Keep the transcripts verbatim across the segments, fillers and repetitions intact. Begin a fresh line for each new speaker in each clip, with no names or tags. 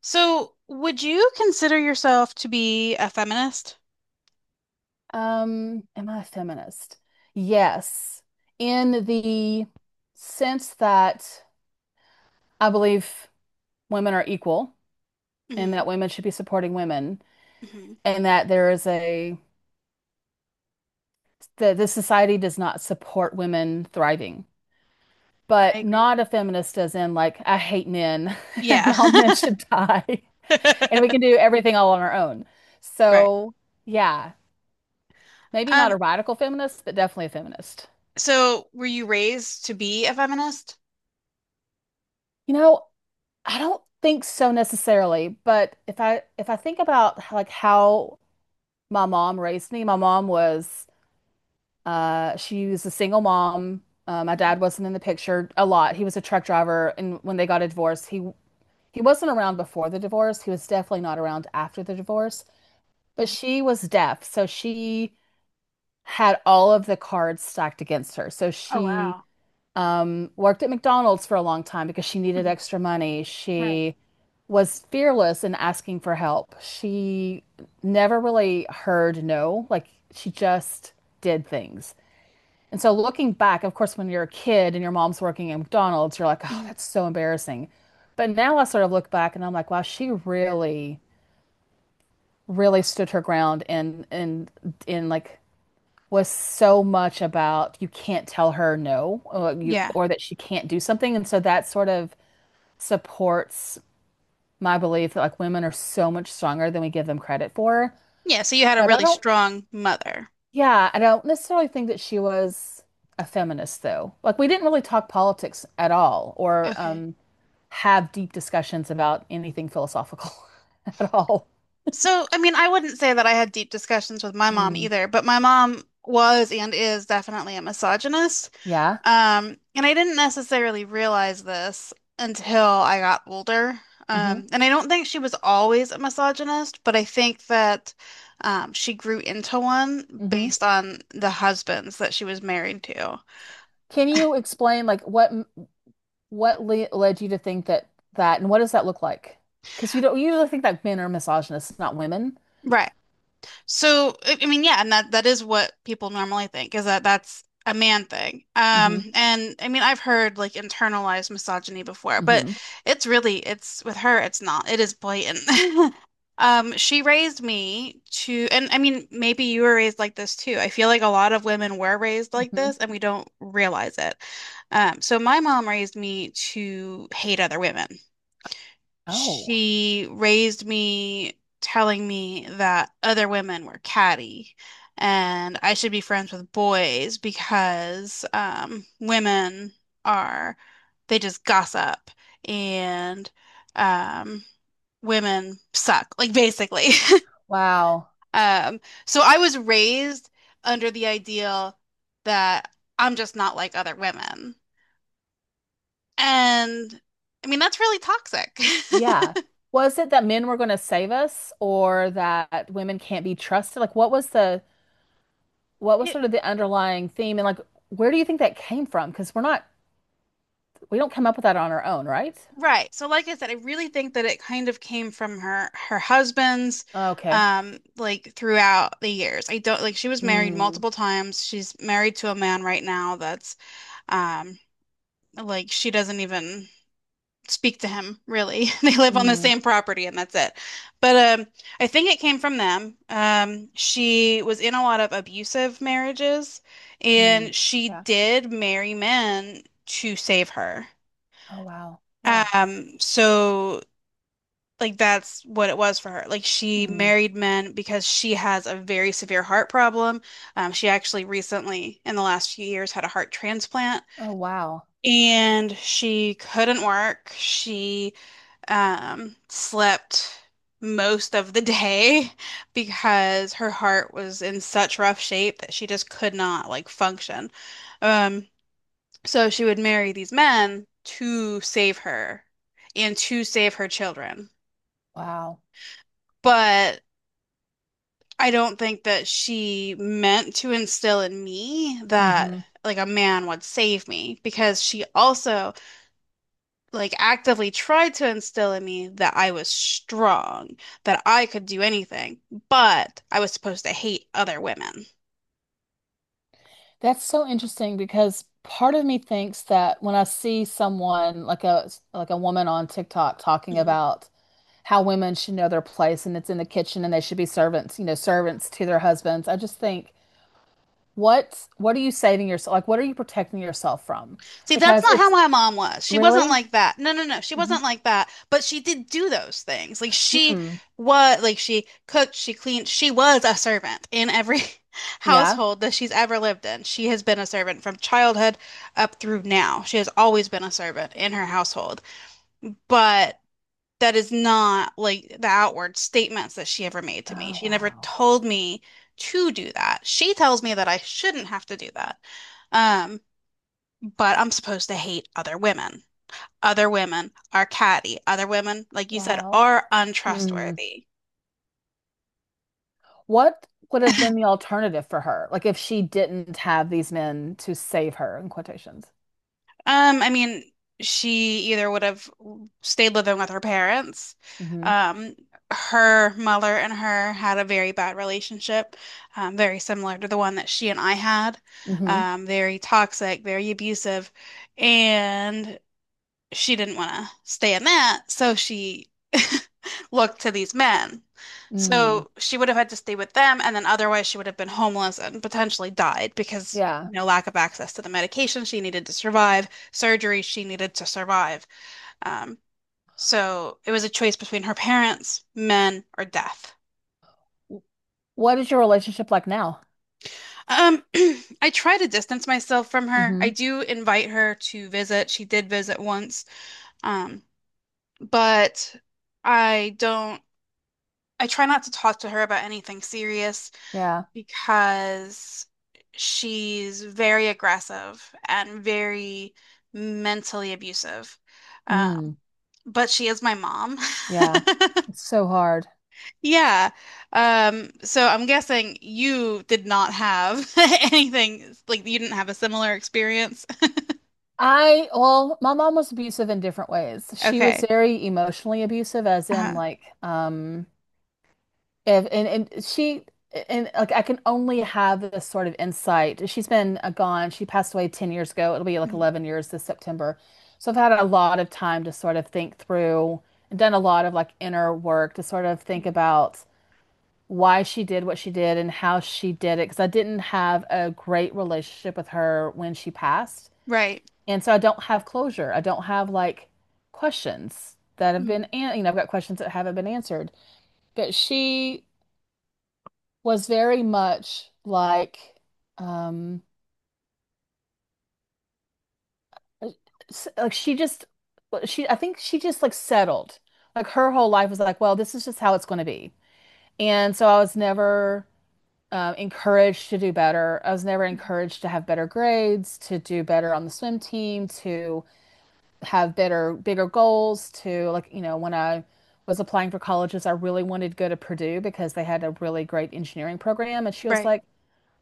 So, would you consider yourself to be a feminist?
Um, am I a feminist? Yes, in the sense that I believe women are equal and
Hmm.
that women should be supporting women
Hmm.
and that there is a that this society does not support women thriving.
I
But
agree.
not a feminist as in like I hate men and
Yeah.
all men should die and we can do everything all on our own.
Right.
So, yeah, maybe not
Um,
a radical feminist, but definitely a feminist.
so were you raised to be a feminist?
You know, I don't think so necessarily, but if I if I think about how- like how my mom raised me. My mom was uh she was a single mom. Uh, my
Mm-hmm.
dad wasn't in the picture a lot. He was a truck driver, and when they got a divorce, he he wasn't around before the divorce. He was definitely not around after the divorce. But she was deaf, so she had all of the cards stacked against her. So
Oh,
she
wow.
um, worked at McDonald's for a long time because she needed
Hmm.
extra money.
Right.
She was fearless in asking for help. She never really heard no, like she just did things. And so looking back, of course, when you're a kid and your mom's working at McDonald's, you're like, oh,
Hmm.
that's so embarrassing. But now I sort of look back and I'm like, wow, she really, really stood her ground and and in like was so much about you can't tell her no, or like, you
Yeah.
or that she can't do something. And so that sort of supports my belief that like women are so much stronger than we give them credit for.
Yeah, so you had a
But I
really
don't,
strong mother.
yeah, I don't necessarily think that she was a feminist though. Like we didn't really talk politics at all, or
Okay.
um have deep discussions about anything philosophical at all.
So, I mean, I wouldn't say that I had deep discussions with my mom
Mm,
either, but my mom was and is definitely a misogynist.
yeah.
Um, and I didn't necessarily realize this until I got older.
Mm-hmm.
Um, and I don't think she was always a misogynist, but I think that um, she grew into one
Mm-hmm.
based on the husbands that she was married to.
Can you explain like what? What le led you to think that that, and what does that look like? Because we don't we usually think that men are misogynists, not women.
Right. So, I I mean, yeah, and that that is what people normally think, is that that's a man thing.
Hmm
Um, and I mean, I've heard like internalized misogyny before, but
hmm
it's really it's with her, it's not. It is blatant. Um, she raised me to, and I mean, maybe you were raised like this too. I feel like a lot of women were raised like
hmm
this and we don't realize it. Um, so my mom raised me to hate other women.
Oh,
She raised me telling me that other women were catty and I should be friends with boys because um, women are, they just gossip and um, women suck, like basically.
wow.
Um, so I was raised under the ideal that I'm just not like other women. And I mean, that's really toxic.
Yeah. Was it that men were going to save us, or that women can't be trusted? Like, what was the what was
It—
sort of the underlying theme, and like, where do you think that came from? Because we're not we don't come up with that on our own, right?
right. So like I said, I really think that it kind of came from her her husband's
Okay.
um like throughout the years. I don't— like she was married
Mm,
multiple times. She's married to a man right now that's um like she doesn't even speak to him really. They live on the
mm,
same property and that's it. But um I think it came from them. Um she was in a lot of abusive marriages
mm.
and she
Yeah.
did marry men to save her.
Oh, wow. Yeah.
Um, so like that's what it was for her. Like she
Mm.
married men because she has a very severe heart problem. Um, she actually recently, in the last few years, had a heart transplant
Oh, wow.
and she couldn't work. She um, slept most of the day because her heart was in such rough shape that she just could not like function. Um, so she would marry these men to save her and to save her children.
Wow.
But I don't think that she meant to instill in me that
Mhm.
like a man would save me, because she also like actively tried to instill in me that I was strong, that I could do anything, but I was supposed to hate other women.
That's so interesting because part of me thinks that when I see someone like a like a woman on TikTok talking about how women should know their place and it's in the kitchen and they should be servants, you know, servants to their husbands, I just think, what what are you saving yourself? Like, what are you protecting yourself from?
See, that's
Because
not how
it's
my mom was. She wasn't
really,
like that. No, no, no. She
Mhm.
wasn't like that. But she did do those things. Like she
Hmm,
was, like she cooked, she cleaned. She was a servant in every
yeah.
household that she's ever lived in. She has been a servant from childhood up through now. She has always been a servant in her household. But that is not like the outward statements that she ever made to me.
Oh,
She never
wow.
told me to do that. She tells me that I shouldn't have to do that. Um, but I'm supposed to hate other women. Other women are catty. Other women, like you said,
Wow.
are
Mm.
untrustworthy.
What would have been the alternative for her? Like if she didn't have these men to save her, in quotations.
Um, I mean, she either would have stayed living with her parents.
Hmm
Um, her mother and her had a very bad relationship, um, very similar to the one that she and I had.
hmm
Um, very toxic, very abusive, and she didn't want to stay in that, so she looked to these men.
Mm,
So she would have had to stay with them, and then otherwise she would have been homeless and potentially died because
yeah.
no— lack of access to the medication she needed to survive, surgery she needed to survive. Um, so it was a choice between her parents, men, or death.
W- What is your relationship like now?
Um, I try to distance myself from her.
Hmm
I do invite her to visit. She did visit once, um, but I don't. I try not to talk to her about anything serious
Yeah.
because she's very aggressive and very mentally abusive. Um,
Mm,
but she is my mom.
yeah. It's so hard.
Yeah. Um, so I'm guessing you did not have anything like— you didn't have a similar experience.
I, well, my mom was abusive in different ways. She was
Okay.
very emotionally abusive, as in
Uh-huh.
like, um, if, and, and she, and like, I can only have this sort of insight. She's been uh, gone. She passed away ten years ago. It'll be like
Mhm.
eleven years this September. So I've had a lot of time to sort of think through and done a lot of like inner work to sort of think
Mhm.
about why she did what she did and how she did it, because I didn't have a great relationship with her when she passed.
Right.
And so I don't have closure. I don't have like questions that have been,
Mhm.
an you know, I've got questions that haven't been answered. But she was very much like, um, s- like she just, well, she, I think she just like settled. Like her whole life was like, well, this is just how it's going to be. And so I was never um, encouraged to do better. I was never
Mhm.
encouraged to have better grades, to do better on the swim team, to have better, bigger goals, to like, you know, when I was applying for colleges, I really wanted to go to Purdue because they had a really great engineering program. And she was
Right.
like,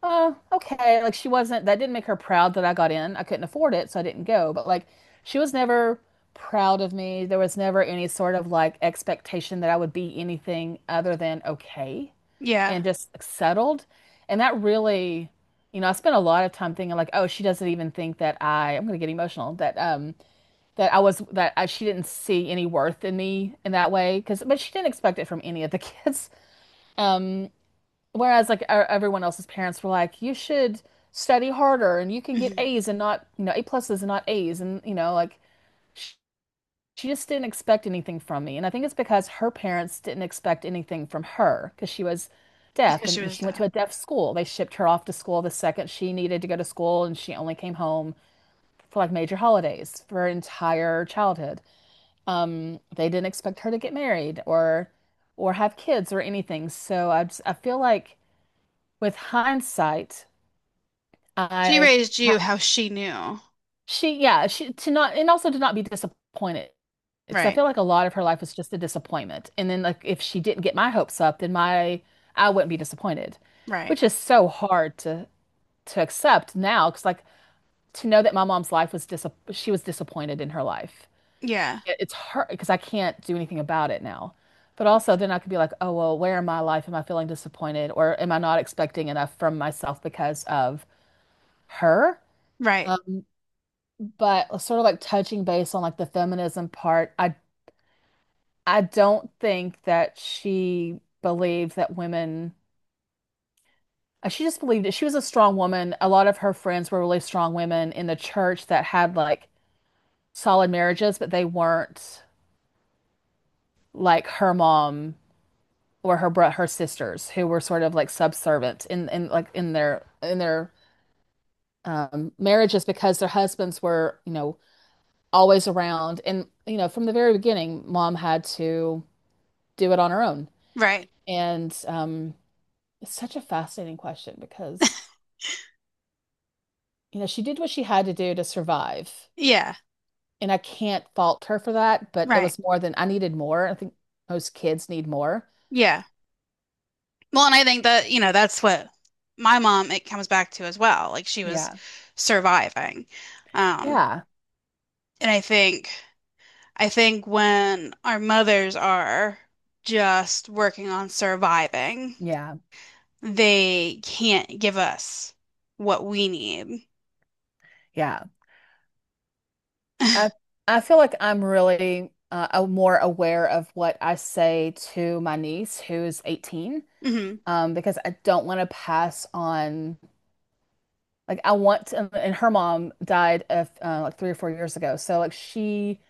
oh, okay. Like, she wasn't, that didn't make her proud that I got in. I couldn't afford it, so I didn't go. But like, she was never proud of me. There was never any sort of like expectation that I would be anything other than okay
Yeah.
and just like, settled. And that really, you know, I spent a lot of time thinking like, oh, she doesn't even think that I, I'm gonna get emotional, that um that I was that I, she didn't see any worth in me in that way because but she didn't expect it from any of the kids. Um Whereas like our, everyone else's parents were like, you should study harder and you can get
Mhm.
A's and not, you know, A pluses and not A's, and you know, like she just didn't expect anything from me. And I think it's because her parents didn't expect anything from her, because she was deaf
Because
and
she
you know,
was
she went to
deaf.
a deaf school. They shipped her off to school the second she needed to go to school, and she only came home for like major holidays for her entire childhood. Um, they didn't expect her to get married or or have kids or anything. So I just, I feel like with hindsight,
She
I
raised you how she knew.
She, yeah, she to not, and also to not be disappointed, because I
Right.
feel like a lot of her life was just a disappointment. And then like if she didn't get my hopes up, then my I wouldn't be disappointed,
Right.
which is so hard to to accept now because like to know that my mom's life was dis she was disappointed in her life.
Yeah.
It, it's hard because I can't do anything about it now. But also then I could be like, oh well, where in my life am I feeling disappointed, or am I not expecting enough from myself because of her?
Right.
But uh, sort of like touching base on like the feminism part, I I don't think that she believed that women, uh, she just believed it. She was a strong woman. A lot of her friends were really strong women in the church that had like solid marriages, but they weren't like her mom or her bro her sisters who were sort of like subservient in in like in their in their um marriages, because their husbands were, you know, always around. And you know, from the very beginning, mom had to do it on her own.
Right.
And um, it's such a fascinating question because, you know, she did what she had to do to survive.
Yeah.
And I can't fault her for that, but it
Right.
was more than I needed more. I think most kids need more.
Yeah. Well, and I think that, you know, that's what my mom, it comes back to as well. Like she was
Yeah.
surviving. Um,
Yeah.
and I think, I think when our mothers are just working on surviving,
Yeah.
they can't give us what we need.
Yeah. I I feel like I'm really uh, a- more aware of what I say to my niece who is eighteen,
Hmm.
um, because I don't want to pass on like I want to, and her mom died of uh, like three or four years ago. So like she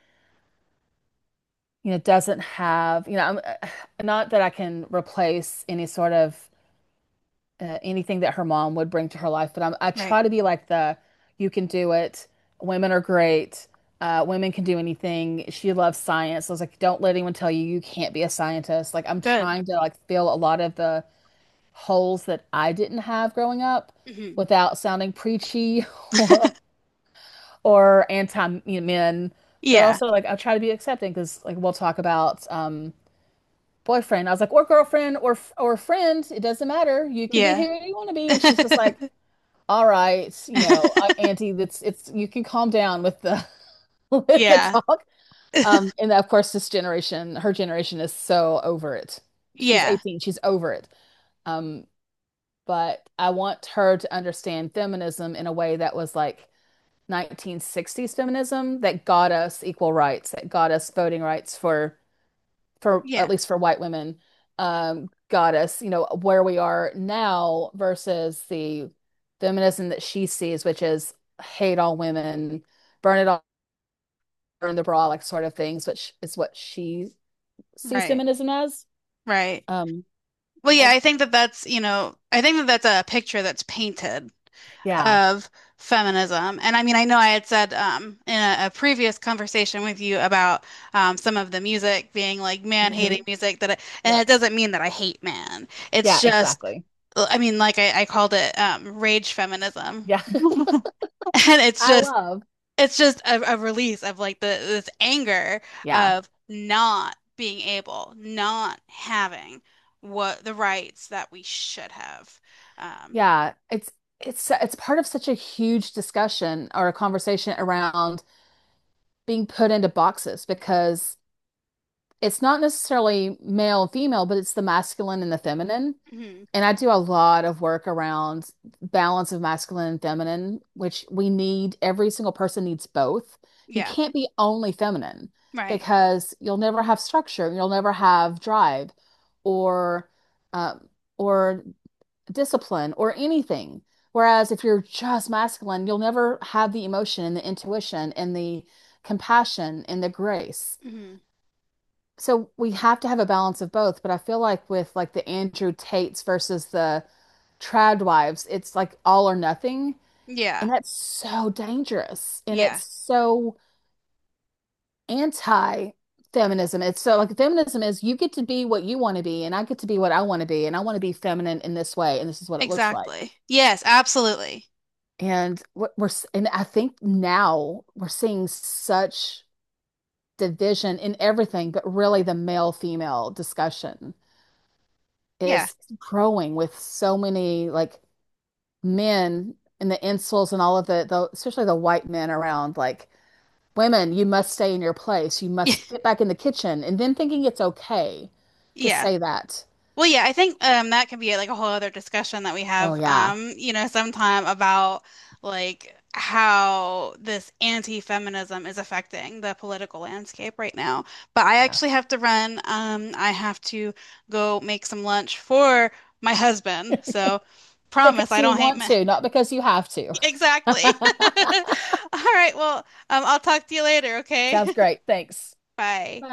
you know, doesn't have, you know, I'm uh, not that I can replace any sort of uh, anything that her mom would bring to her life, but I'm, I
Right.
try to be like the you can do it. Women are great. Uh, women can do anything. She loves science. So I was like, don't let anyone tell you you can't be a scientist. Like I'm
Good.
trying to like fill a lot of the holes that I didn't have growing up
Hmm.
without sounding preachy or or anti, men, but
Yeah.
also like I try to be accepting because like we'll talk about um boyfriend. I was like, or girlfriend or or friend. It doesn't matter. You can be who
Yeah.
you want to be. And she's just like, all right, you know, uh, Auntie, that's it's you can calm down with the with the
Yeah.
talk. Um, and of course, this generation, her generation is so over it. She's
Yeah.
eighteen, she's over it. Um, but I want her to understand feminism in a way that was like nineteen sixties feminism that got us equal rights, that got us voting rights for for at
Yeah.
least for white women, um, got us, you know, where we are now versus the feminism that she sees, which is hate all women, burn it all, burn the bra, like sort of things, which is what she sees
Right.
feminism as.
Right.
Um,
Well, yeah,
I-
I think that that's, you know, I think that that's a picture that's painted
Yeah.
of feminism. And I mean, I know I had said um, in a, a previous conversation with you about um, some of the music being like man-hating
hmm
music that I— and it
Yep.
doesn't mean that I hate man. It's
Yeah,
just,
exactly.
I mean, like I, I called it um, rage feminism.
Yeah.
And it's
I
just—
love.
it's just a, a release of like the— this anger
Yeah.
of not being able, not having what— the rights that we should have. Um,
Yeah, it's it's it's part of such a huge discussion or a conversation around being put into boxes, because it's not necessarily male and female, but it's the masculine and the feminine.
mhm.
And I do a lot of work around balance of masculine and feminine, which we need, every single person needs both. You
Yeah,
can't be only feminine
right.
because you'll never have structure, you'll never have drive or um, or discipline or anything. Whereas if you're just masculine, you'll never have the emotion and the intuition and the compassion and the grace.
Hmm.
So we have to have a balance of both, but I feel like with like the Andrew Tates versus the trad wives, it's like all or nothing,
Yeah,
and that's so dangerous and it's
yeah,
so anti-feminism. It's so like feminism is you get to be what you want to be and I get to be what I want to be and I want to be feminine in this way and this is what it looks like.
exactly. Yes, absolutely.
And what we're and I think now we're seeing such division in everything, but really the male-female discussion
Yeah,
is growing with so many like men and the insults and all of the, the especially the white men around like women, you must stay in your place. You must get back in the kitchen and then thinking it's okay to
yeah.
say that.
Well, yeah, I think um that could be like a whole other discussion that we
Oh
have
yeah.
um, you know, sometime about like how this anti-feminism is affecting the political landscape right now. But I
Yeah.
actually have to run. Um, I have to go make some lunch for my husband. So— promise
Because
I
you
don't hate
want
men.
to, not because you have to.
Exactly. All right, well, um, I'll talk to you later, okay?
Sounds great. Thanks.
Bye.
Bye.